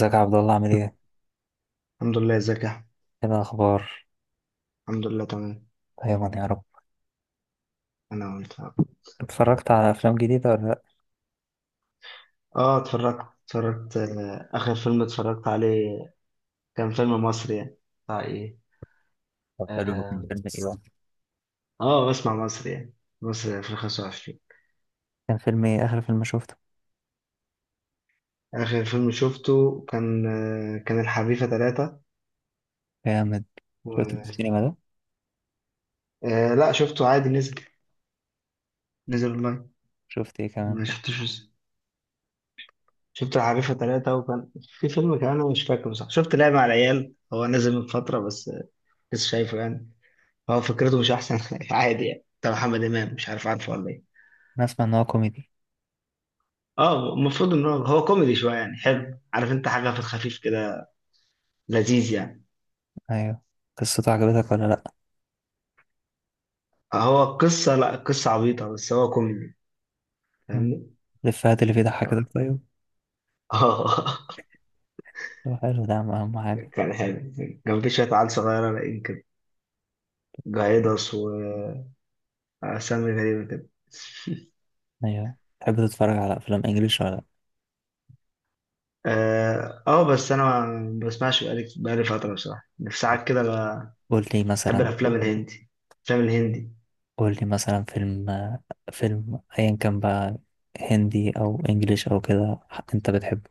ازيك يا عبد الله عامل ايه؟ الحمد لله، ازيك يا احمد؟ ايه الأخبار؟ الحمد لله تمام. دايما يا رب. انا وانت. اتفرجت على أفلام جديدة ولا لأ؟ اه اتفرجت، اخر فيلم اتفرجت عليه كان فيلم مصري يعني. بتاع ايه. طب حلو كان. اه فيلم ايه بقى؟ بسمع مصري يعني، مصري 2025. كان فيلم ايه آخر فيلم شفته؟ اخر فيلم شفته كان، كان الحريفة ثلاثة جامد. و... شفت في السينما ده؟ لا، شفته عادي، نزل، نزل اونلاين. شفت ايه كمان؟ ما شفتوش. شفت الحريفة ثلاثة، وكان في فيلم كمان انا مش فاكره. صح، شفت لعبة على العيال، هو نزل من فترة بس لسه شايفه يعني. هو فكرته مش احسن حاجة، عادي يعني، بتاع محمد امام، مش عارف عارفه ولا ايه. أنا أسمع إن هو كوميدي. اه، المفروض ان هو كوميدي شويه، يعني حلو، عارف انت، حاجه في الخفيف كده، لذيذ يعني. أيوه. قصته عجبتك ولا لأ؟ هو قصه، لا قصه عبيطه بس هو كوميدي، مم. فاهمني. الإفيهات اللي فيه ضحكتك طيب؟ اه. طب حلو، ده أهم أهم حاجة. كان حلو. كان في شويه عيال صغيره لاقيين كده، جايدس، واسامي غريبه كده أيوه. تحب تتفرج على أفلام إنجليش ولا لأ؟ بس انا ما بسمعش، بقالي فتره بصراحه، في ساعات كده قول لي بحب مثلا. الافلام الهندي، الافلام الهندي. قول لي مثلا فيلم. فيلم أيا كان بقى، هندي أو إنجليش أو كده. أنت بتحبه.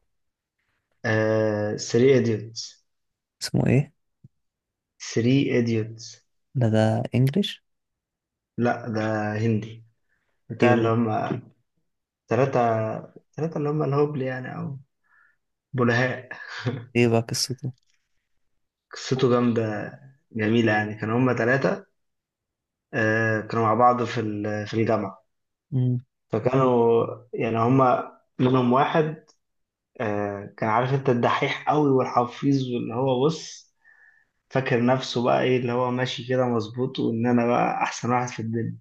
سري ايديوتس، اسمه ايه؟ 3 idiots. ده انجليش. لا، ده هندي، ايه بتاع اللي بقى؟ هم تلاتة. تلاتة اللي هم الهبل يعني، أو بلهاء. ايه بقى قصته؟ قصته جامدة، جميلة يعني. كانوا هم تلاتة، كانوا مع بعض في الجامعة. امم. فكانوا يعني، هم منهم واحد، كان عارف انت، الدحيح قوي والحفيظ، واللي هو بص، فاكر نفسه بقى ايه، اللي هو ماشي كده مظبوط، وان انا بقى احسن واحد في الدنيا.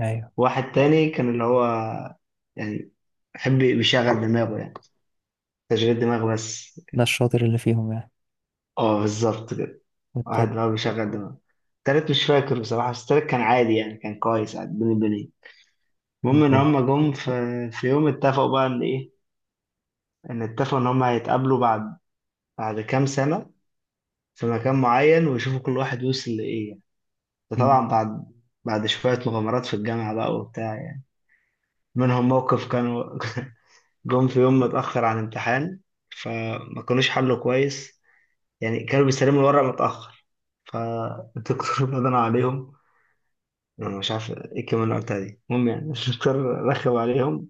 ايوه. واحد تاني كان اللي هو يعني بيحب بيشغل دماغه يعني، تشغيل دماغ بس. ده الشاطر اللي فيهم يعني. اه بالظبط كده. واحد والتالت؟ دماغه بيشغل دماغه. التالت مش فاكر بصراحة، بس التالت كان عادي يعني، كان كويس عادي، بني. كان المهم إن فاضي. هما جم في يوم اتفقوا بقى إن إيه، إن اتفقوا إن هما هيتقابلوا بعد كام سنة في مكان معين، ويشوفوا كل واحد وصل لإيه يعني. ده أمم، طبعا بعد، بعد شوية مغامرات في الجامعة بقى وبتاع يعني، منهم موقف كانوا جم في يوم متأخر عن امتحان، فما كانوش حلوا كويس يعني، كانوا بيستلموا الورق متأخر. فالدكتور بدنا عليهم، انا مش عارف ايه الكلمه اللي قلتها دي، المهم يعني الدكتور رخم عليهم.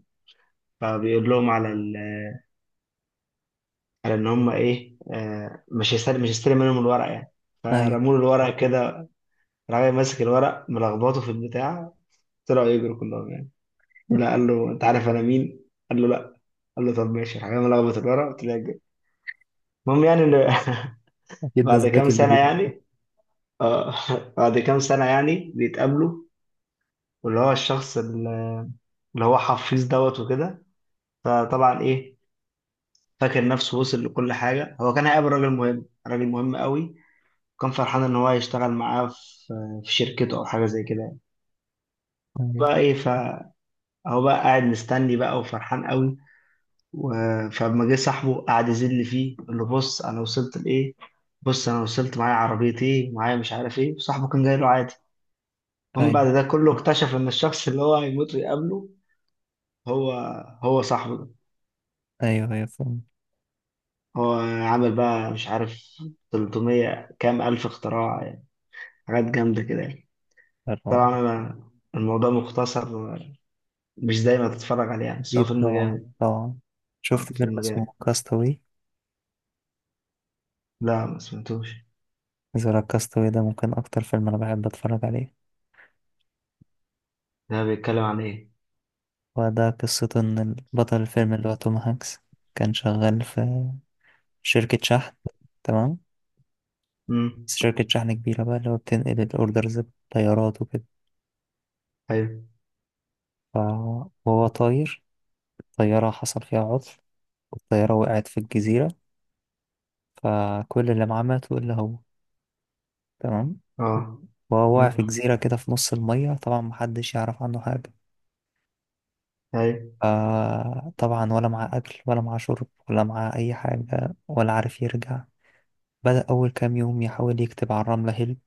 فبيقول لهم على ال... على ان هم ايه، مش هيستلم، منهم الورق يعني. ايوه. فرموا له الورق كده، راجل ماسك الورق ملخبطه في البتاع، طلعوا يجروا كلهم يعني. لا، قال له انت عارف انا مين؟ قال له لا. قال له طب ماشي. راح جاي ملخبط الورق، طلع يجري. المهم يعني إن، اكيد ده بعد كام الذكي اللي سنه فيهم. يعني، اه، بعد كام سنه يعني بيتقابلوا. واللي هو الشخص اللي، اللي هو حفيظ دوت وكده، فطبعا ايه، فاكر نفسه وصل لكل حاجة. هو كان هيقابل راجل مهم، راجل مهم قوي، وكان فرحان إن هو هيشتغل معاه في، في شركته أو حاجة زي كده يعني. ايوه بقى إيه، فهو بقى قاعد مستني بقى وفرحان قوي، فلما جه صاحبه قعد يذل فيه، اللي بص أنا وصلت لإيه، بص أنا وصلت معايا عربية إيه، معايا مش عارف إيه، وصاحبه كان جاي له عادي. المهم بعد ايوه ده كله اكتشف إن الشخص اللي هو هيموت ويقابله هو هو صاحبه ده. ايوه ايوه، فاهم. هو عامل بقى مش عارف، 300 كام ألف اختراع يعني، حاجات جامدة كده يعني. طبعا. طبعا. الموضوع مختصر، مش دايما تتفرج عليه يعني، بس هو اكيد فيلم طبعا جامد. طبعا. اه، شفت فيلم فيلم اسمه جامد. كاستاوي؟ لا، ما سمعتوش. زرا كاستاوي ده ممكن اكتر فيلم انا بحب اتفرج عليه. ده بيتكلم عن ايه؟ وده قصته، ان بطل الفيلم اللي هو توم هانكس كان شغال في شركة شحن. تمام. امم. بس شركة شحن كبيرة بقى، اللي هو بتنقل الاوردرز بطيارات وكده. ايوه. ف- وهو طاير، طيارة حصل فيها عطل، والطيارة وقعت في الجزيرة، فكل اللي معاه ماتوا إلا هو. تمام. اه. وهو واقع امم. في جزيرة كده في نص المية، طبعا محدش يعرف عنه حاجة. ايوه. فطبعا ولا معاه أكل ولا معاه شرب ولا معاه أي حاجة، ولا عارف يرجع. بدأ أول كام يوم يحاول يكتب على الرملة هيلب،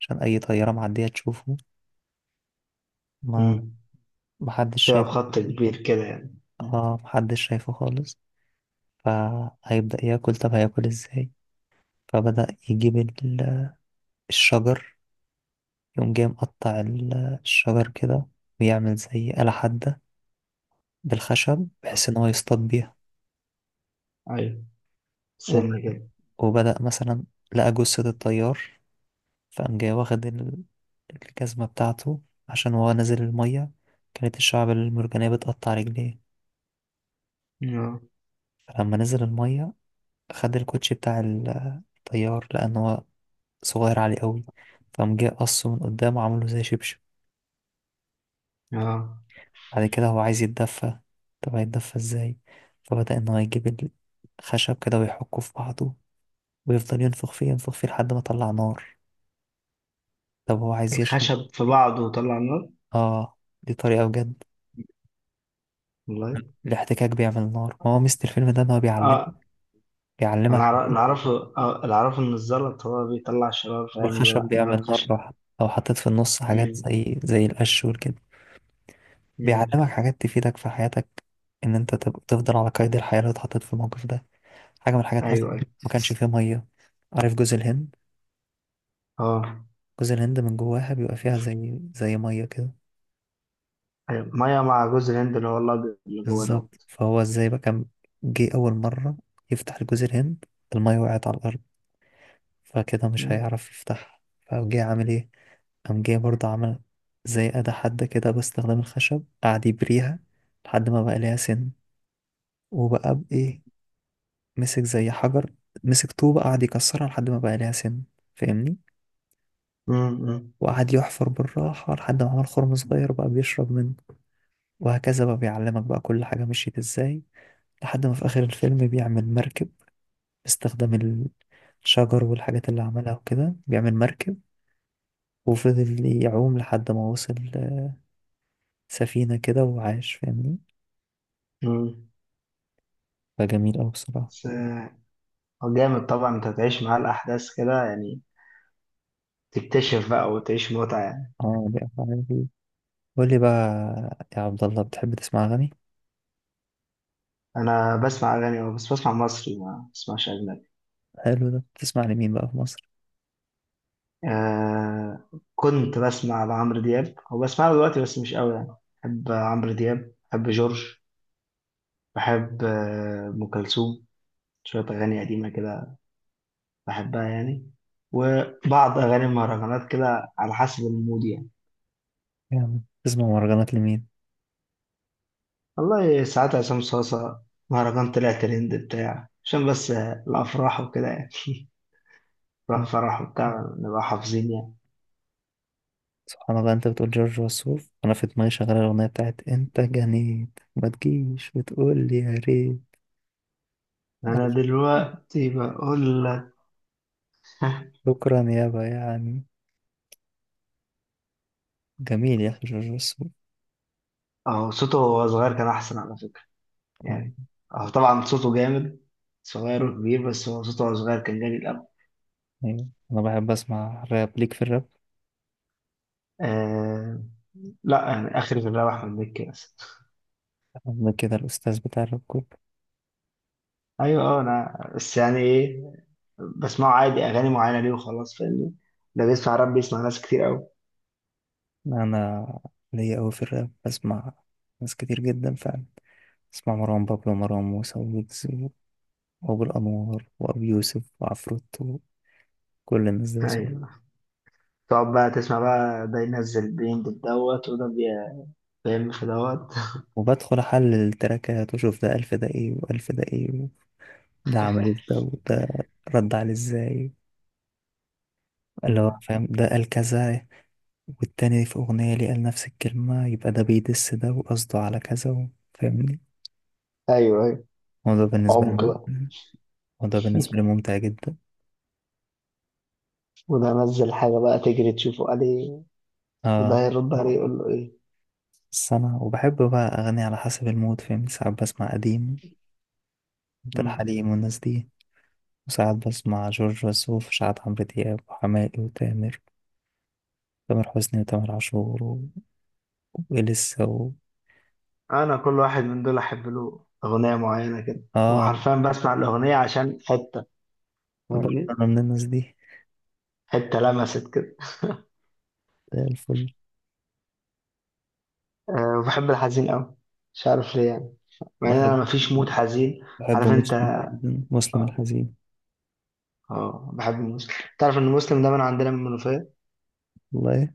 عشان أي طيارة معدية تشوفه. ما امم. محدش تبقى شايف. بخط كبير كده يعني. مم. محدش شايفه خالص. فهيبدأ ياكل، طب هياكل ازاي؟ فبدأ يجيب الشجر، يقوم جاي مقطع الشجر كده، ويعمل زي آلة حادة بالخشب، بحيث إن هو يصطاد بيها. ايوه، وب- سن كده. وبدأ مثلا لقى جثة الطيار، فقام جاي واخد الجزمة بتاعته، عشان وهو نازل المية كانت الشعب المرجانية بتقطع رجليه. اه. فلما نزل المية خد الكوتشي بتاع الطيار، لأن هو صغير عليه قوي، فقام جاي قصه من قدام وعمله زي شبشب. اه، بعد كده هو عايز يتدفى، طب هيتدفى ازاي؟ فبدأ ان هو يجيب الخشب كده ويحكه في بعضه، ويفضل ينفخ فيه ينفخ فيه لحد ما طلع نار. طب هو عايز يشرب. الخشب في بعضه وطلع نار؟ اه دي طريقة بجد. والله. الاحتكاك بيعمل نار، ما هو ميزة الفيلم ده ان هو بيعلم، اه، بيعلمك انا أعرف- حاجات. اللي اعرفه اللي اعرفه ان الزلط هو بيطلع شرار، فاهم، والخشب لا نار بيعمل نار الخشب. لوحده لو حطيت في النص حاجات امم. زي القش والكده. امم. بيعلمك حاجات تفيدك في حياتك، ان انت تفضل على قيد الحياة لو اتحطيت في الموقف ده. حاجة من الحاجات مثلا، ايوه ايوه. ما كانش فيه مية. عارف جوز الهند؟ اه. جوز الهند من جواها بيبقى فيها زي ميه كده. أيوة، ميه مع جوز الهند اللي هو الابيض اللي جوه بالظبط، دوت. فهو ازاي بقى كان جه اول مره يفتح جوز الهند، الميه وقعت على الارض، فكده مش مم. هيعرف يفتحها. فجه عامل ايه؟ قام جه برضه عمل زي أداة حادة كده باستخدام الخشب، قعد يبريها لحد ما بقى ليها سن. وبقى بإيه؟ مسك زي حجر، مسك طوبة قعد يكسرها لحد ما بقى ليها سن، فاهمني؟ مم. مم. وقعد يحفر بالراحة لحد ما عمل خرم صغير بقى بيشرب منه. وهكذا بقى بيعلمك بقى كل حاجة مشيت ازاي، لحد ما في آخر الفيلم بيعمل مركب باستخدام الشجر والحاجات اللي عملها وكده، بيعمل مركب وفضل يعوم لحد ما وصل سفينة كده وعاش، فاهمني؟ مم. فجميل أوي بصراحة. بس هو جامد طبعا، انت تعيش معاه الاحداث كده يعني، تكتشف بقى وتعيش متعه يعني. اه دي أحلى حاجة فيه. قول لي بقى يا عبد الله، بتحب تسمع أغاني؟ انا بسمع اغاني أوي، بس بسمع مصري، ما بسمعش اجنبي. حلو، ده بتسمع لمين بقى في مصر؟ آه كنت بسمع لعمرو دياب، هو بسمعه دلوقتي بس مش قوي يعني. بحب عمرو دياب، بحب جورج، بحب ام كلثوم، شويه اغاني قديمه كده بحبها يعني، وبعض اغاني المهرجانات كده على حسب المود يعني. يعني بتسمع مهرجانات لمين؟ والله ساعات عصام صاصة، مهرجان طلع ترند بتاع، عشان بس الأفراح وكده يعني. راح فرح وبتاع، نبقى حافظين يعني. سبحان الله، انت بتقول جورج وسوف انا في دماغي شغاله الاغنيه بتاعت انت جنيت ما تجيش وتقول لي يا ريت. أنا ألف. دلوقتي بقول لك. شكرا يابا يعني. جميل يا أخي جورج وسوف. أهو صوته وهو صغير كان أحسن على فكرة يعني. آه، أهو طبعا صوته جامد، صغير وكبير، بس هو صوته وهو صغير كان جامد الأول. أيوة. أنا بحب أسمع راب، ليك في الراب؟ آه. لا يعني، آخر في الراب أحمد مكي بس. أنا كده الأستاذ بتاع الراب كله. أيوه. أه، أنا بس يعني إيه، بسمعه عادي، أغاني معينة ليه وخلاص، فاهمني. ده بيسمع راب، بيسمع ناس كتير أوي. أنا ليا أوي في الراب، بسمع ناس كتير جدا فعلا. بسمع مروان بابلو ومروان موسى وويجز، وأبو الأنوار وأبي يوسف وعفروتو، كل الناس دي بسمع. أيوه. تقعد بقى تسمع بقى، ده ينزل بينج في دوت، بيعمل في دوت. وبدخل أحلل التراكات وأشوف ده ألف ده إيه وألف ده إيه، ده عمل إيه في ده، وده رد عليه إزاي، اللي هو مم. فاهم ده قال كذا، والتاني في أغنية ليه قال نفس الكلمة، يبقى ده بيدس ده وقصده على كذا و... فاهمني؟ ايوه ايوه، وده بالنسبة عمق لي بقى. وده بالنسبة لي ممتع جدا. وده نزل حاجة بقى تجري تشوفه عليه، وده اه، يرد عليه يقول له ايه. بس أنا وبحب بقى أغني على حسب المود، فاهمني؟ ساعات بسمع قديم، عبد مم. الحليم والناس دي. وساعات بسمع جورج وسوف، وساعات عمرو دياب وحماقي وتامر، تامر حسني وتامر عاشور و... وإليسا و... انا كل واحد من دول احب له اغنية معينة كده، اه وحرفيا بسمع الاغنية عشان حتة، برضه فاهمني. أنا من الناس دي. حتة لمست كده. زي الفل. أه، وبحب الحزين قوي، مش عارف ليه يعني، مع ان انا بحب مفيش مود حزين. بحب عارف انت. مسلم جداً، مسلم اه، الحزين. بحب المسلم. تعرف ان مسلم ده من عندنا من المنوفية. والله.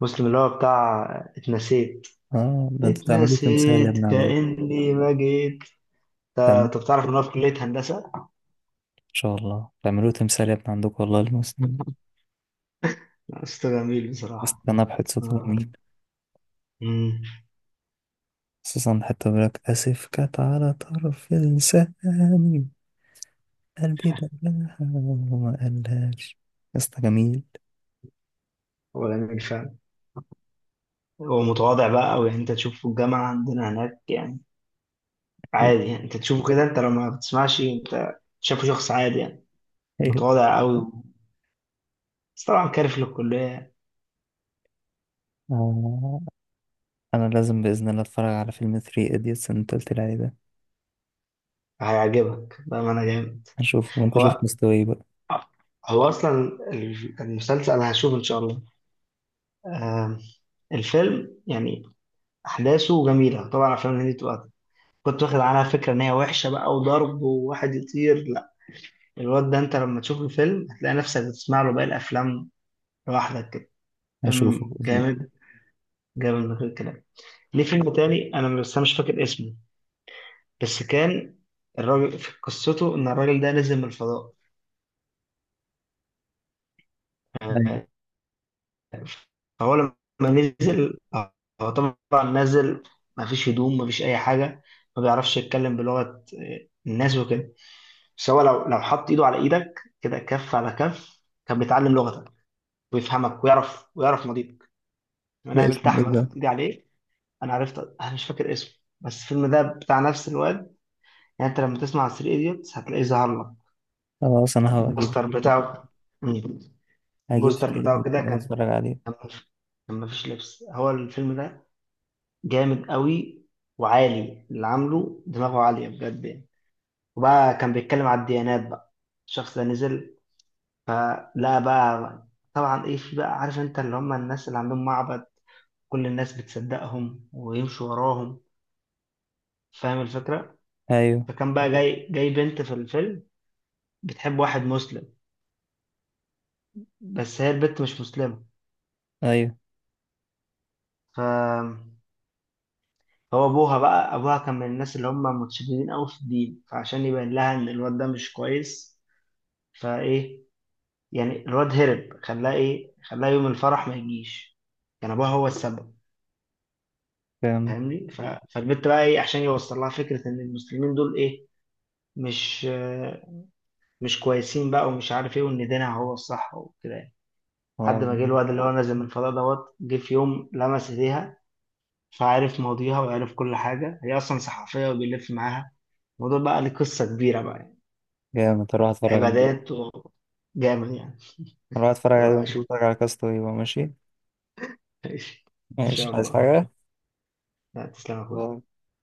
مسلم اللي هو بتاع، اتنسيت. اه ده انتوا تعملوا تمثال يا اتنسيت ابني عندكم. كأني ما جيت. تعملوا طب تعرف ان هو في كلية هندسة؟ ان شاء الله تعملوا تمثال يا ابني عندكم والله المسلمين. أسطى جميل بصراحة. استنى بحد. اه. جميل. امم. خصوصا حتى بيقولك اسف كانت على طرف لساني، قلبي دقاها وما قالهاش، قصة جميل. هو جميل فعلا. هو متواضع بقى أوي يعني، انت تشوفه في الجامعة عندنا هناك يعني. عادي يعني انت تشوفه كده، انت لو ما بتسمعش انت شايفه شخص عادي يعني. ايوه. متواضع أوي، بس طبعا كارف للكلية. آه، انا لازم باذن الله اتفرج على فيلم 3 ايديتس اللي انت قلت لي عليه ده. هيعجبك بقى ما انا جامد. هشوفه وانت شوف هو مستواي بقى. هو اصلا، المسلسل انا هشوف ان شاء الله، آم، الفيلم يعني، احداثه جميله. طبعا افلام الهندي بتبقى، كنت واخد عنها فكرة إن هي وحشة بقى، وضرب وواحد يطير، لا. الواد ده أنت لما تشوف الفيلم هتلاقي نفسك بتسمع له باقي الأفلام لوحدك كده. هشوفه فيلم باذن جامد، جامد من غير كلام. ليه فيلم تاني، أنا بس أنا مش فاكر اسمه، بس كان الراجل في قصته إن الراجل ده نزل من الفضاء. الله. أيوة. آه، فهو لما نزل، هو طبعا نازل، ما فيش هدوم، ما فيش اي حاجه، ما بيعرفش يتكلم بلغه الناس وكده، بس هو لو حط ايده على ايدك كده، كف على كف، كان بيتعلم لغتك ويفهمك، ويعرف ماضيك. ده انا قابلت اسمه ايه احمد ده؟ حط ايدي عليه، انا عرفت. انا مش فاكر اسمه، بس الفيلم ده بتاع نفس الواد يعني. انت لما تسمع 3 ايديوتس هتلاقيه ظهر لك خلاص انا هجيب. البوستر بتاعه. مم. 3 البوستر بتاعه ايديتس كده ده كان، اتفرج عليه. كان مف- كان مفيش لبس، هو الفيلم ده جامد قوي، وعالي، اللي عامله دماغه عالية بجد يعني. وبقى كان بيتكلم على الديانات بقى. الشخص ده نزل، فلا بقى، طبعا ايه، في بقى عارف انت اللي هم الناس اللي عندهم معبد، كل الناس بتصدقهم ويمشوا وراهم، فاهم الفكرة. ايوه فكان بقى مم. جاي بنت في الفيلم بتحب واحد مسلم، بس هي البنت مش مسلمة. ايوه. ف، هو ابوها بقى، ابوها كان من الناس اللي هم متشددين قوي في الدين، فعشان يبين لها ان الواد ده مش كويس فايه يعني، الواد هرب، خلاه ايه، خلاه يوم الفرح ما يجيش، كان ابوها هو السبب، جامد. فاهمني. ف... فالبنت بقى ايه، عشان يوصل لها فكره ان المسلمين دول ايه، مش مش كويسين بقى، ومش عارف ايه، وان دينها هو الصح وكده يعني. لحد خلاص. ما جه الواد اللي هو نازل من الفضاء دوت، جه في يوم لمس ايديها فعرف ماضيها وعرف كل حاجه، هي اصلا صحفيه وبيلف معاها الموضوع، بقى ليه قصه كبيره بقى يعني. جامد هروح اتفرج عليه. عبادات وجامد يعني. هروح اتفرج عليه، أبقى وانت اشوف. تتفرج على كاستو يبقى ماشي. ان ماشي، شاء عايز الله. حاجة؟ لا، تسلم يا باي. اخويا.